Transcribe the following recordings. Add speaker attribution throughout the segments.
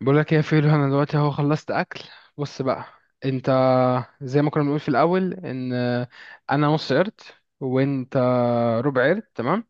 Speaker 1: بقول لك ايه يا فيلو؟ انا دلوقتي اهو خلصت اكل. بص بقى، انت زي ما كنا بنقول في الاول ان انا نص قرد وانت ربع قرد، تمام؟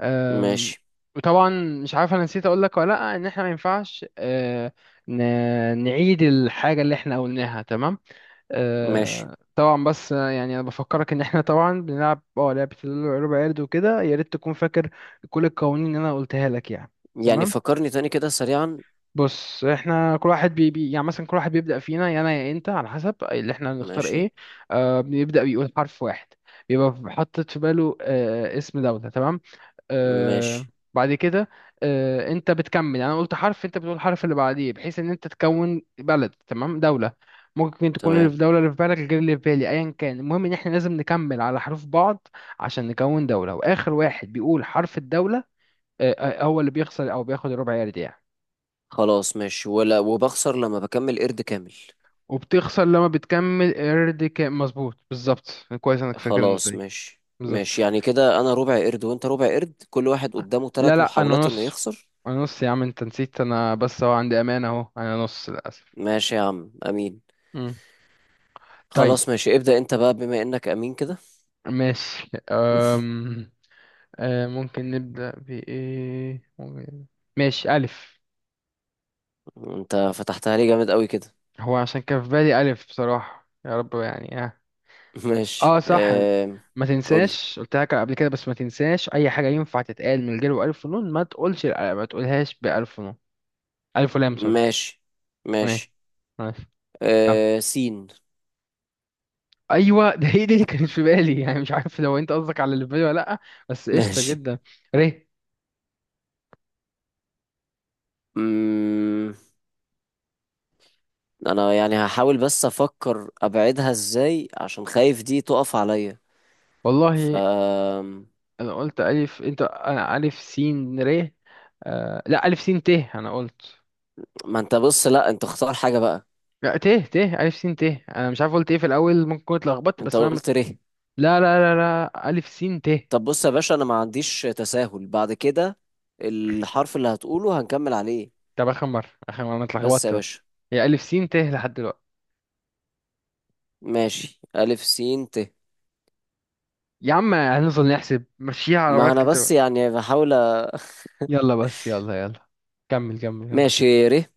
Speaker 1: أم،
Speaker 2: ماشي.
Speaker 1: وطبعا مش عارف انا نسيت اقول لك ولا لا ان احنا ما ينفعش، نعيد الحاجه اللي احنا قلناها، تمام؟
Speaker 2: ماشي
Speaker 1: طبعا بس يعني انا بفكرك ان احنا طبعا بنلعب لعبه الربع قرد وكده، يا ريت تكون فاكر كل القوانين اللي انا قلتها لك يعني.
Speaker 2: يعني
Speaker 1: تمام،
Speaker 2: فكرني تاني كده سريعا.
Speaker 1: بص احنا كل واحد بي يعني، مثلا كل واحد بيبدأ فينا، يا انا يا انت، على حسب اللي احنا هنختار
Speaker 2: ماشي.
Speaker 1: ايه. بيبدأ بيقول حرف واحد، بيبقى حاطط في باله اسم دولة، تمام؟ آه
Speaker 2: ماشي
Speaker 1: بعد كده انت بتكمل، يعني انا قلت حرف انت بتقول الحرف اللي بعديه، بحيث ان انت تكون بلد، تمام، دولة. ممكن تكون اللي في
Speaker 2: تمام.
Speaker 1: دولة اللي في بالك غير اللي في بالي، ايا كان، المهم ان احنا لازم نكمل على حروف بعض عشان نكون دولة. واخر واحد بيقول حرف الدولة هو اللي بيخسر او بياخد الربع يارد يعني.
Speaker 2: خلاص ماشي، ولا وبخسر لما بكمل قرد كامل؟
Speaker 1: وبتخسر لما بتكمل قرد كامل، مظبوط، بالظبط. كويس انك فاكر النقطة
Speaker 2: خلاص
Speaker 1: دي.
Speaker 2: ماشي
Speaker 1: بالظبط.
Speaker 2: ماشي، يعني كده انا ربع قرد وانت ربع قرد، كل واحد قدامه
Speaker 1: لا
Speaker 2: ثلاث
Speaker 1: لا، انا
Speaker 2: محاولات انه
Speaker 1: نص.
Speaker 2: يخسر.
Speaker 1: انا نص يا عم، انت نسيت. انا بس هو عندي امانة اهو، انا نص للاسف.
Speaker 2: ماشي يا عم امين.
Speaker 1: مم. طيب،
Speaker 2: خلاص ماشي، ابدأ انت بقى بما انك امين كده.
Speaker 1: ماشي. أم... أه ممكن نبدأ بإيه؟ ماشي، ألف.
Speaker 2: انت فتحتها لي جامد قوي كده.
Speaker 1: هو عشان كان في بالي ألف بصراحة، يا رب يعني اه اه
Speaker 2: ماشي
Speaker 1: صح، ما
Speaker 2: قولي.
Speaker 1: تنساش، قلت لك قبل كده بس ما تنساش. أي حاجة ينفع تتقال من غير ألف ونون، ما تقولش، ما تقولهاش بألف ونون. ألف ولام، سوري.
Speaker 2: ماشي.
Speaker 1: ماشي،
Speaker 2: ماشي
Speaker 1: ماشي. طب،
Speaker 2: سين.
Speaker 1: ايوه، ده هي دي اللي كانت في بالي يعني، مش عارف لو انت قصدك على اللي في بالي ولا لا، بس قشطه
Speaker 2: ماشي.
Speaker 1: جدا. ر.
Speaker 2: مم... انا يعني هحاول بس افكر ابعدها ازاي عشان خايف دي تقف عليا.
Speaker 1: والله
Speaker 2: ف.
Speaker 1: انا قلت الف، انت انا الف سين ر. لا، الف سين ت انا قلت.
Speaker 2: ما انت بص، لا انت اختار حاجة بقى.
Speaker 1: لا، ت ت الف سين ت. انا مش عارف قلت ايه في الاول، ممكن كنت اتلخبطت،
Speaker 2: انت
Speaker 1: بس انا
Speaker 2: قلت ره.
Speaker 1: لا لا لا لا، الف سين ت.
Speaker 2: طب بص يا باشا، انا ما عنديش تساهل بعد كده. الحرف اللي هتقوله هنكمل عليه.
Speaker 1: طب اخر مره، اخر مره انا
Speaker 2: بس يا
Speaker 1: اتلخبطت بس.
Speaker 2: باشا.
Speaker 1: هي الف سين ت لحد دلوقتي.
Speaker 2: ماشي الف سين ت.
Speaker 1: يا عم هنفضل نحسب مشيها على
Speaker 2: ما انا
Speaker 1: بركه.
Speaker 2: بس يعني بحاول. أ-
Speaker 1: يلا بس، يلا يلا، كمل كمل كمل.
Speaker 2: ماشي ر.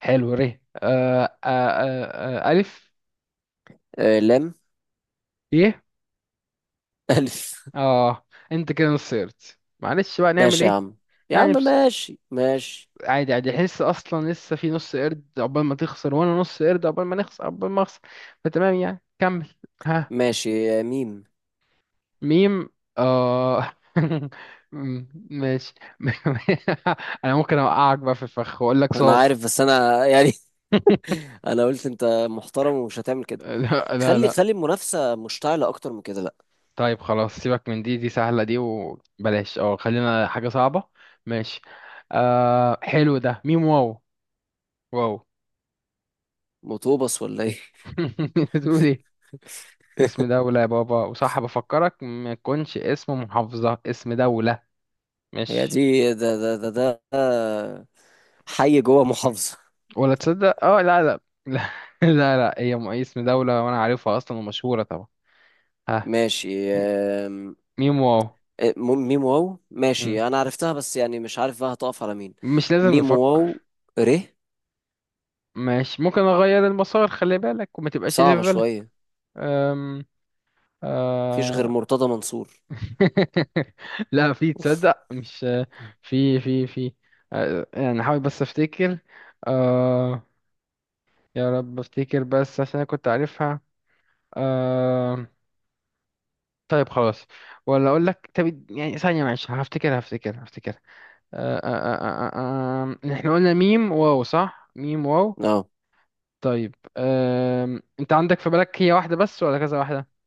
Speaker 1: حلو، ري، ألف.
Speaker 2: لام.
Speaker 1: يه.
Speaker 2: الف.
Speaker 1: آه أنت كده نص قرد، معلش بقى نعمل
Speaker 2: ماشي يا
Speaker 1: إيه؟
Speaker 2: عم. يا عم
Speaker 1: يعني بس
Speaker 2: ماشي ماشي.
Speaker 1: عادي، عادي، حس أصلا لسه في نص قرد عقبال ما تخسر، وأنا نص قرد عقبال ما نخسر، عقبال ما أخسر. فتمام يعني، كمل. ها.
Speaker 2: ماشي ميم.
Speaker 1: ميم. آه م- ماشي. أنا ممكن أوقعك بقى في الفخ وأقول لك
Speaker 2: انا
Speaker 1: صاد.
Speaker 2: عارف، بس انا يعني انا قلت انت محترم ومش هتعمل كده.
Speaker 1: لا لا
Speaker 2: خلي
Speaker 1: لا.
Speaker 2: خلي المنافسه مشتعله اكتر من كده، لا.
Speaker 1: طيب خلاص، سيبك من دي سهلة دي، وبلاش خلينا حاجة صعبة. ماشي. حلو، ده ميم واو. واو.
Speaker 2: مطوبس ولا ايه؟
Speaker 1: بتقول ايه؟ اسم دولة يا بابا، وصح بفكرك ما يكونش اسم محافظة، اسم دولة.
Speaker 2: هي
Speaker 1: ماشي،
Speaker 2: دي ده ده ده ده ده. حي جوه محافظه.
Speaker 1: ولا تصدق، لا لا. لا. لا لا، هي اسم دولة، وانا عارفها اصلا ومشهورة طبعا. ها.
Speaker 2: ماشي
Speaker 1: م- ميم واو.
Speaker 2: إيه، ميم واو،
Speaker 1: مم.
Speaker 2: ماشي انا عرفتها، بس يعني مش عارف بقى هتقف على مين.
Speaker 1: مش لازم
Speaker 2: ميم
Speaker 1: نفكر.
Speaker 2: واو ر.
Speaker 1: ماشي، ممكن اغير المسار، خلي بالك وما تبقاش اللي في
Speaker 2: صعبه
Speaker 1: بالك.
Speaker 2: شويه.
Speaker 1: أم...
Speaker 2: مفيش غير
Speaker 1: آه،
Speaker 2: مرتضى منصور.
Speaker 1: لا في، تصدق، مش في في. يعني حاول بس افتكر. آه يا رب افتكر، بس عشان انا كنت عارفها. آه طيب خلاص، ولا اقول لك؟ طب يعني ثانية، معلش، هفتكر هفتكر هفتكر. احنا قلنا ميم واو صح؟ ميم واو.
Speaker 2: اه.
Speaker 1: طيب، انت عندك في بالك هي واحدة بس ولا كذا واحدة؟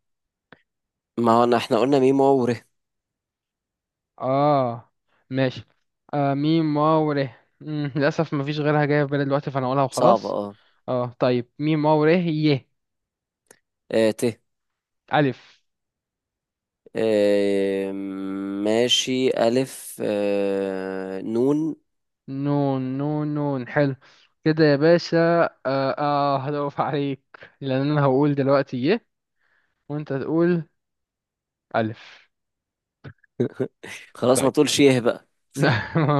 Speaker 2: ما هو احنا قلنا ميم واو ر.
Speaker 1: اه، ماشي. ميم واو ر. للأسف مفيش غيرها جاية في بالي دلوقتي، فأنا هقولها
Speaker 2: صعبه
Speaker 1: وخلاص.
Speaker 2: اه.
Speaker 1: اه، طيب، ميم واو ر ي.
Speaker 2: ت.
Speaker 1: ألف.
Speaker 2: آه، ماشي ألف. نون.
Speaker 1: نون نون نون، حلو. كده يا باشا اه, هدوف عليك، لأن أنا هقول دلوقتي ي وأنت تقول ألف.
Speaker 2: خلاص، ما
Speaker 1: طيب.
Speaker 2: تقولش ايه بقى.
Speaker 1: لا،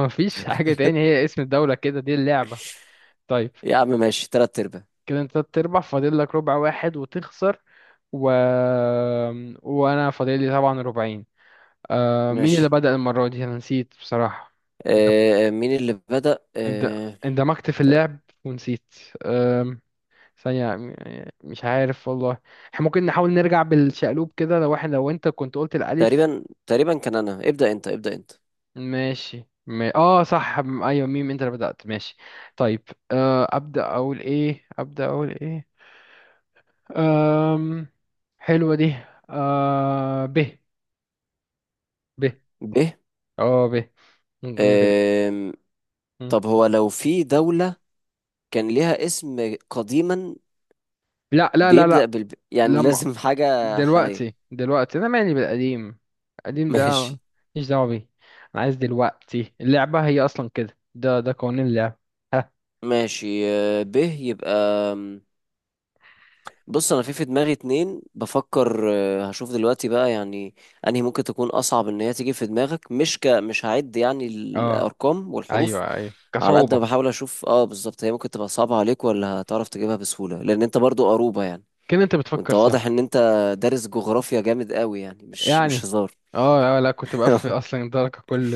Speaker 1: مفيش حاجة تاني، هي اسم الدولة كده، دي اللعبة. طيب،
Speaker 2: يا عم ماشي، تلات أرباع.
Speaker 1: كده أنت تربح، فاضل لك ربع واحد وتخسر. و... وأنا فاضل لي طبعا ربعين. مين اللي
Speaker 2: ماشي.
Speaker 1: بدأ المرة دي؟ أنا نسيت بصراحة. اند-
Speaker 2: مين اللي بدأ؟
Speaker 1: اند- اندمجت في
Speaker 2: ت-
Speaker 1: اللعب ونسيت. آم، ثانية م- مش عارف والله. احنا ممكن نحاول نرجع بالشقلوب كده، لو انت كنت قلت الألف.
Speaker 2: تقريبا تقريبا كان أنا ابدأ. أنت ابدأ أنت.
Speaker 1: ماشي ما... اه صح، ايوه، ميم، انت اللي بدأت، ماشي. طيب، أبدأ أقول ايه؟ أبدأ أقول ايه؟ آم... حلوة دي. ب. ب.
Speaker 2: ب.
Speaker 1: اه، ب. ممكن كده.
Speaker 2: آم،
Speaker 1: مم.
Speaker 2: طب هو لو في دولة كان ليها اسم قديما
Speaker 1: لا لا لا
Speaker 2: بيبدأ
Speaker 1: لا.
Speaker 2: بال، يعني
Speaker 1: لمع.
Speaker 2: لازم حاجة حالية.
Speaker 1: دلوقتي، دلوقتي انا مالي بالقديم، القديم ده
Speaker 2: ماشي.
Speaker 1: ماليش دعوه بيه. انا عايز دلوقتي، اللعبه هي اصلا كده، ده قوانين اللعبه. ها.
Speaker 2: ماشي. ب يبقى. بص انا في دماغي اتنين بفكر، هشوف دلوقتي بقى، يعني انهي ممكن تكون اصعب ان هي تيجي في دماغك. مش ك، مش هعد يعني
Speaker 1: اه،
Speaker 2: الارقام والحروف.
Speaker 1: ايوه ايوه،
Speaker 2: على قد ما
Speaker 1: كصعوبه،
Speaker 2: بحاول اشوف اه بالظبط هي ممكن تبقى صعبة عليك ولا هتعرف تجيبها بسهولة، لان انت برضو قروبة يعني.
Speaker 1: كده انت
Speaker 2: وانت
Speaker 1: بتفكر
Speaker 2: واضح
Speaker 1: صح.
Speaker 2: ان انت دارس جغرافيا جامد قوي، يعني مش
Speaker 1: يعني
Speaker 2: هزار.
Speaker 1: اه، لا كنت بقفل اصلا درجه، كل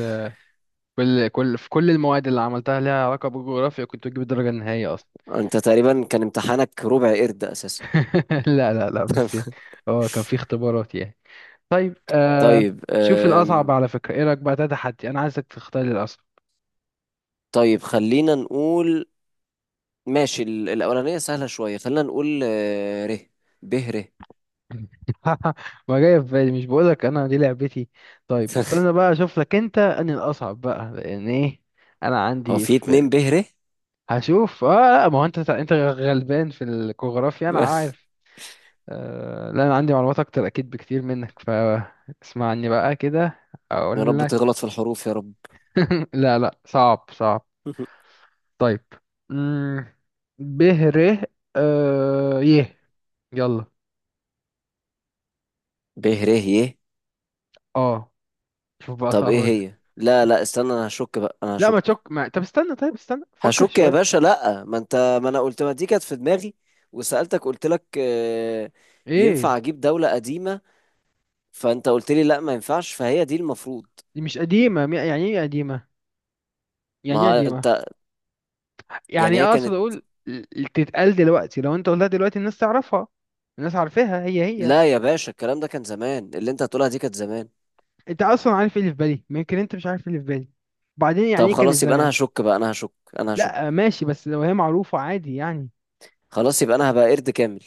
Speaker 1: كل كل في كل المواد اللي عملتها ليها علاقه بالجغرافيا كنت بجيب الدرجه النهائيه اصلا.
Speaker 2: انت تقريبا كان امتحانك ربع قرد اساسا.
Speaker 1: لا لا لا، بس يعني اه، كان في اختبارات يعني. طيب،
Speaker 2: طيب.
Speaker 1: شوف الاصعب على فكره، ايه رايك؟ بقى ده تحدي، انا عايزك تختار الاصعب.
Speaker 2: طيب خلينا نقول. ماشي الأولانية سهلة شوية، خلينا نقول ر. ب ر.
Speaker 1: ما جاي في بالي، مش بقولك انا دي لعبتي؟ طيب استنى بقى اشوف لك انت اني الاصعب بقى، لان ايه، انا
Speaker 2: هو
Speaker 1: عندي
Speaker 2: في
Speaker 1: في
Speaker 2: اتنين ب
Speaker 1: بالي.
Speaker 2: ر.
Speaker 1: هشوف اه لا، ما هو انت غلبان في الجغرافيا انا عارف. لا انا عندي معلومات اكتر اكيد بكتير منك، فاسمعني بقى كده،
Speaker 2: يا
Speaker 1: اقول
Speaker 2: رب
Speaker 1: لك.
Speaker 2: تغلط في الحروف، يا رب.
Speaker 1: لا لا، صعب صعب. طيب، امم ب ر. يه. يلا.
Speaker 2: ب ر ي.
Speaker 1: اه، شوف بقى
Speaker 2: طب
Speaker 1: صعب
Speaker 2: ايه هي؟ لا لا استنى، انا هشك بقى، انا
Speaker 1: لا ما
Speaker 2: هشك.
Speaker 1: تشك، ما... طب استنى، فكر
Speaker 2: هشك يا
Speaker 1: شوية.
Speaker 2: باشا، لا ما انت. ما انا قلت ما دي كانت في دماغي، وسألتك قلت لك
Speaker 1: ايه،
Speaker 2: ينفع اجيب دولة قديمة؟ فانت قلت لي لا ما ينفعش، فهي دي المفروض.
Speaker 1: دي مش قديمة، يعني ايه قديمة؟
Speaker 2: ما
Speaker 1: يعني ايه
Speaker 2: هو
Speaker 1: قديمة؟
Speaker 2: انت، يعني
Speaker 1: يعني
Speaker 2: هي
Speaker 1: اقصد
Speaker 2: كانت.
Speaker 1: اقول تتقال دلوقتي، لو انت قلتها دلوقتي الناس تعرفها، الناس عارفاها، هي هي.
Speaker 2: لا يا باشا، الكلام ده كان زمان. اللي انت هتقولها دي كانت زمان.
Speaker 1: انت اصلا عارف ايه اللي في بالي؟ يمكن انت مش عارف ايه اللي في بالي. بعدين
Speaker 2: طب
Speaker 1: يعني ايه كانت
Speaker 2: خلاص يبقى انا
Speaker 1: زمان؟
Speaker 2: هشك بقى، انا هشك، انا هشك.
Speaker 1: لا ماشي، بس لو هي معروفة عادي يعني.
Speaker 2: خلاص يبقى انا هبقى قرد كامل.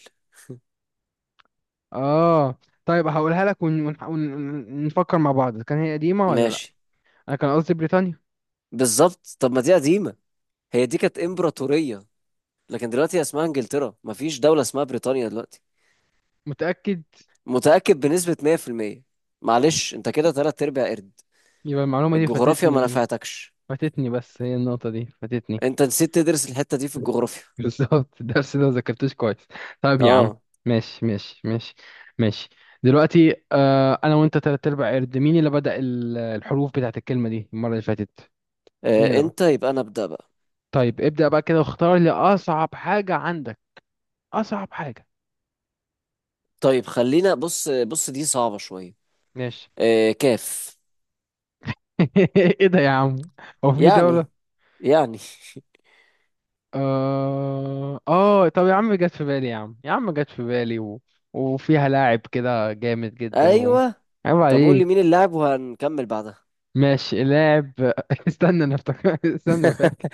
Speaker 1: اه، طيب هقولها لك، ونفكر مع بعض، كان هي قديمة ولا لا.
Speaker 2: ماشي.
Speaker 1: انا كان قصدي بريطانيا.
Speaker 2: بالظبط. طب ما دي قديمة، هي دي كانت امبراطورية. لكن دلوقتي اسمها انجلترا، مفيش دولة اسمها بريطانيا دلوقتي.
Speaker 1: متأكد؟
Speaker 2: متأكد بنسبة 100%. معلش انت كده تلات ارباع قرد.
Speaker 1: يبقى المعلومة دي
Speaker 2: الجغرافيا ما
Speaker 1: فاتتني.
Speaker 2: نفعتكش.
Speaker 1: فاتتني، بس هي النقطة دي فاتتني.
Speaker 2: انت نسيت تدرس الحتة دي في الجغرافيا.
Speaker 1: بالظبط، الدرس ده ما ذاكرتوش كويس. طيب يا عم.
Speaker 2: اه.
Speaker 1: ماشي ماشي ماشي. ماشي. دلوقتي، انا وانت تلات ارباع قرد، مين اللي بدأ الحروف بتاعت الكلمة دي المرة اللي فاتت؟ مين اللي بدأ؟
Speaker 2: انت، يبقى انا ابدأ بقى.
Speaker 1: طيب، ابدأ بقى كده واختار لي اصعب حاجة عندك، اصعب حاجة.
Speaker 2: طيب خلينا. بص بص دي صعبة شوية.
Speaker 1: ماشي.
Speaker 2: كاف.
Speaker 1: ايه ده يا عم؟ هو في
Speaker 2: يعني.
Speaker 1: دولة؟
Speaker 2: يعني.
Speaker 1: اه اه، طب يا عم، جت في بالي يا عم، يا عم جت في بالي، وفيها لاعب كده جامد جدا
Speaker 2: ايوه.
Speaker 1: عيب
Speaker 2: طب قول لي مين
Speaker 1: عليك.
Speaker 2: اللاعب وهنكمل بعدها.
Speaker 1: ماشي، لاعب. استنى انا افتكر، استنى فاكر.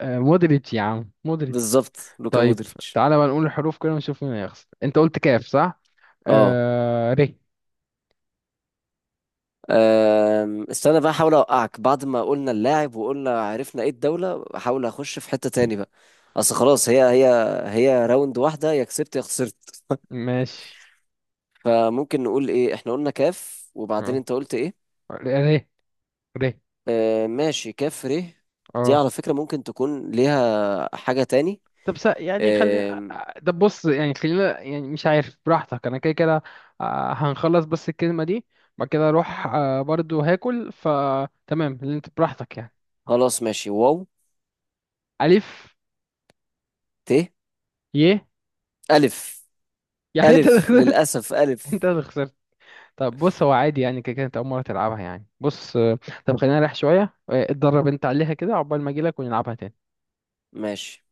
Speaker 1: مودريتش، يا عم مودريتش.
Speaker 2: بالظبط، لوكا
Speaker 1: طيب،
Speaker 2: مودريتش.
Speaker 1: تعالى بقى نقول الحروف كده ونشوف مين هيخسر. انت قلت كاف صح؟
Speaker 2: اه.
Speaker 1: ري.
Speaker 2: أم، استنى بقى احاول اوقعك. بعد ما قلنا اللاعب وقلنا عرفنا ايه الدولة، احاول اخش في حتة تاني بقى. اصل خلاص هي هي. هي راوند واحدة، يا كسبت يا خسرت.
Speaker 1: ماشي
Speaker 2: فممكن نقول ايه؟ احنا قلنا كاف، وبعدين
Speaker 1: اه.
Speaker 2: انت قلت ايه؟
Speaker 1: ري. ري.
Speaker 2: أه ماشي، كاف ر. دي
Speaker 1: اه.
Speaker 2: على فكرة ممكن تكون ليها حاجة تاني.
Speaker 1: يعني خلينا،
Speaker 2: أم،
Speaker 1: طب بص يعني خلينا، يعني مش عارف، براحتك، انا كده كده، هنخلص بس الكلمة دي، بعد كده اروح برضو هاكل، فتمام اللي انت براحتك يعني.
Speaker 2: خلاص ماشي واو.
Speaker 1: الف.
Speaker 2: ت.
Speaker 1: ي.
Speaker 2: ألف.
Speaker 1: يعني انت اللي
Speaker 2: ألف
Speaker 1: خسرت.
Speaker 2: للأسف، ألف.
Speaker 1: انت اللي خسرت. طب بص، هو عادي يعني، كده كانت أول مرة تلعبها يعني. بص آه، طب خلينا نريح شوية. اتدرب أنت عليها كده عقبال ما أجيلك ونلعبها تاني.
Speaker 2: ماشي.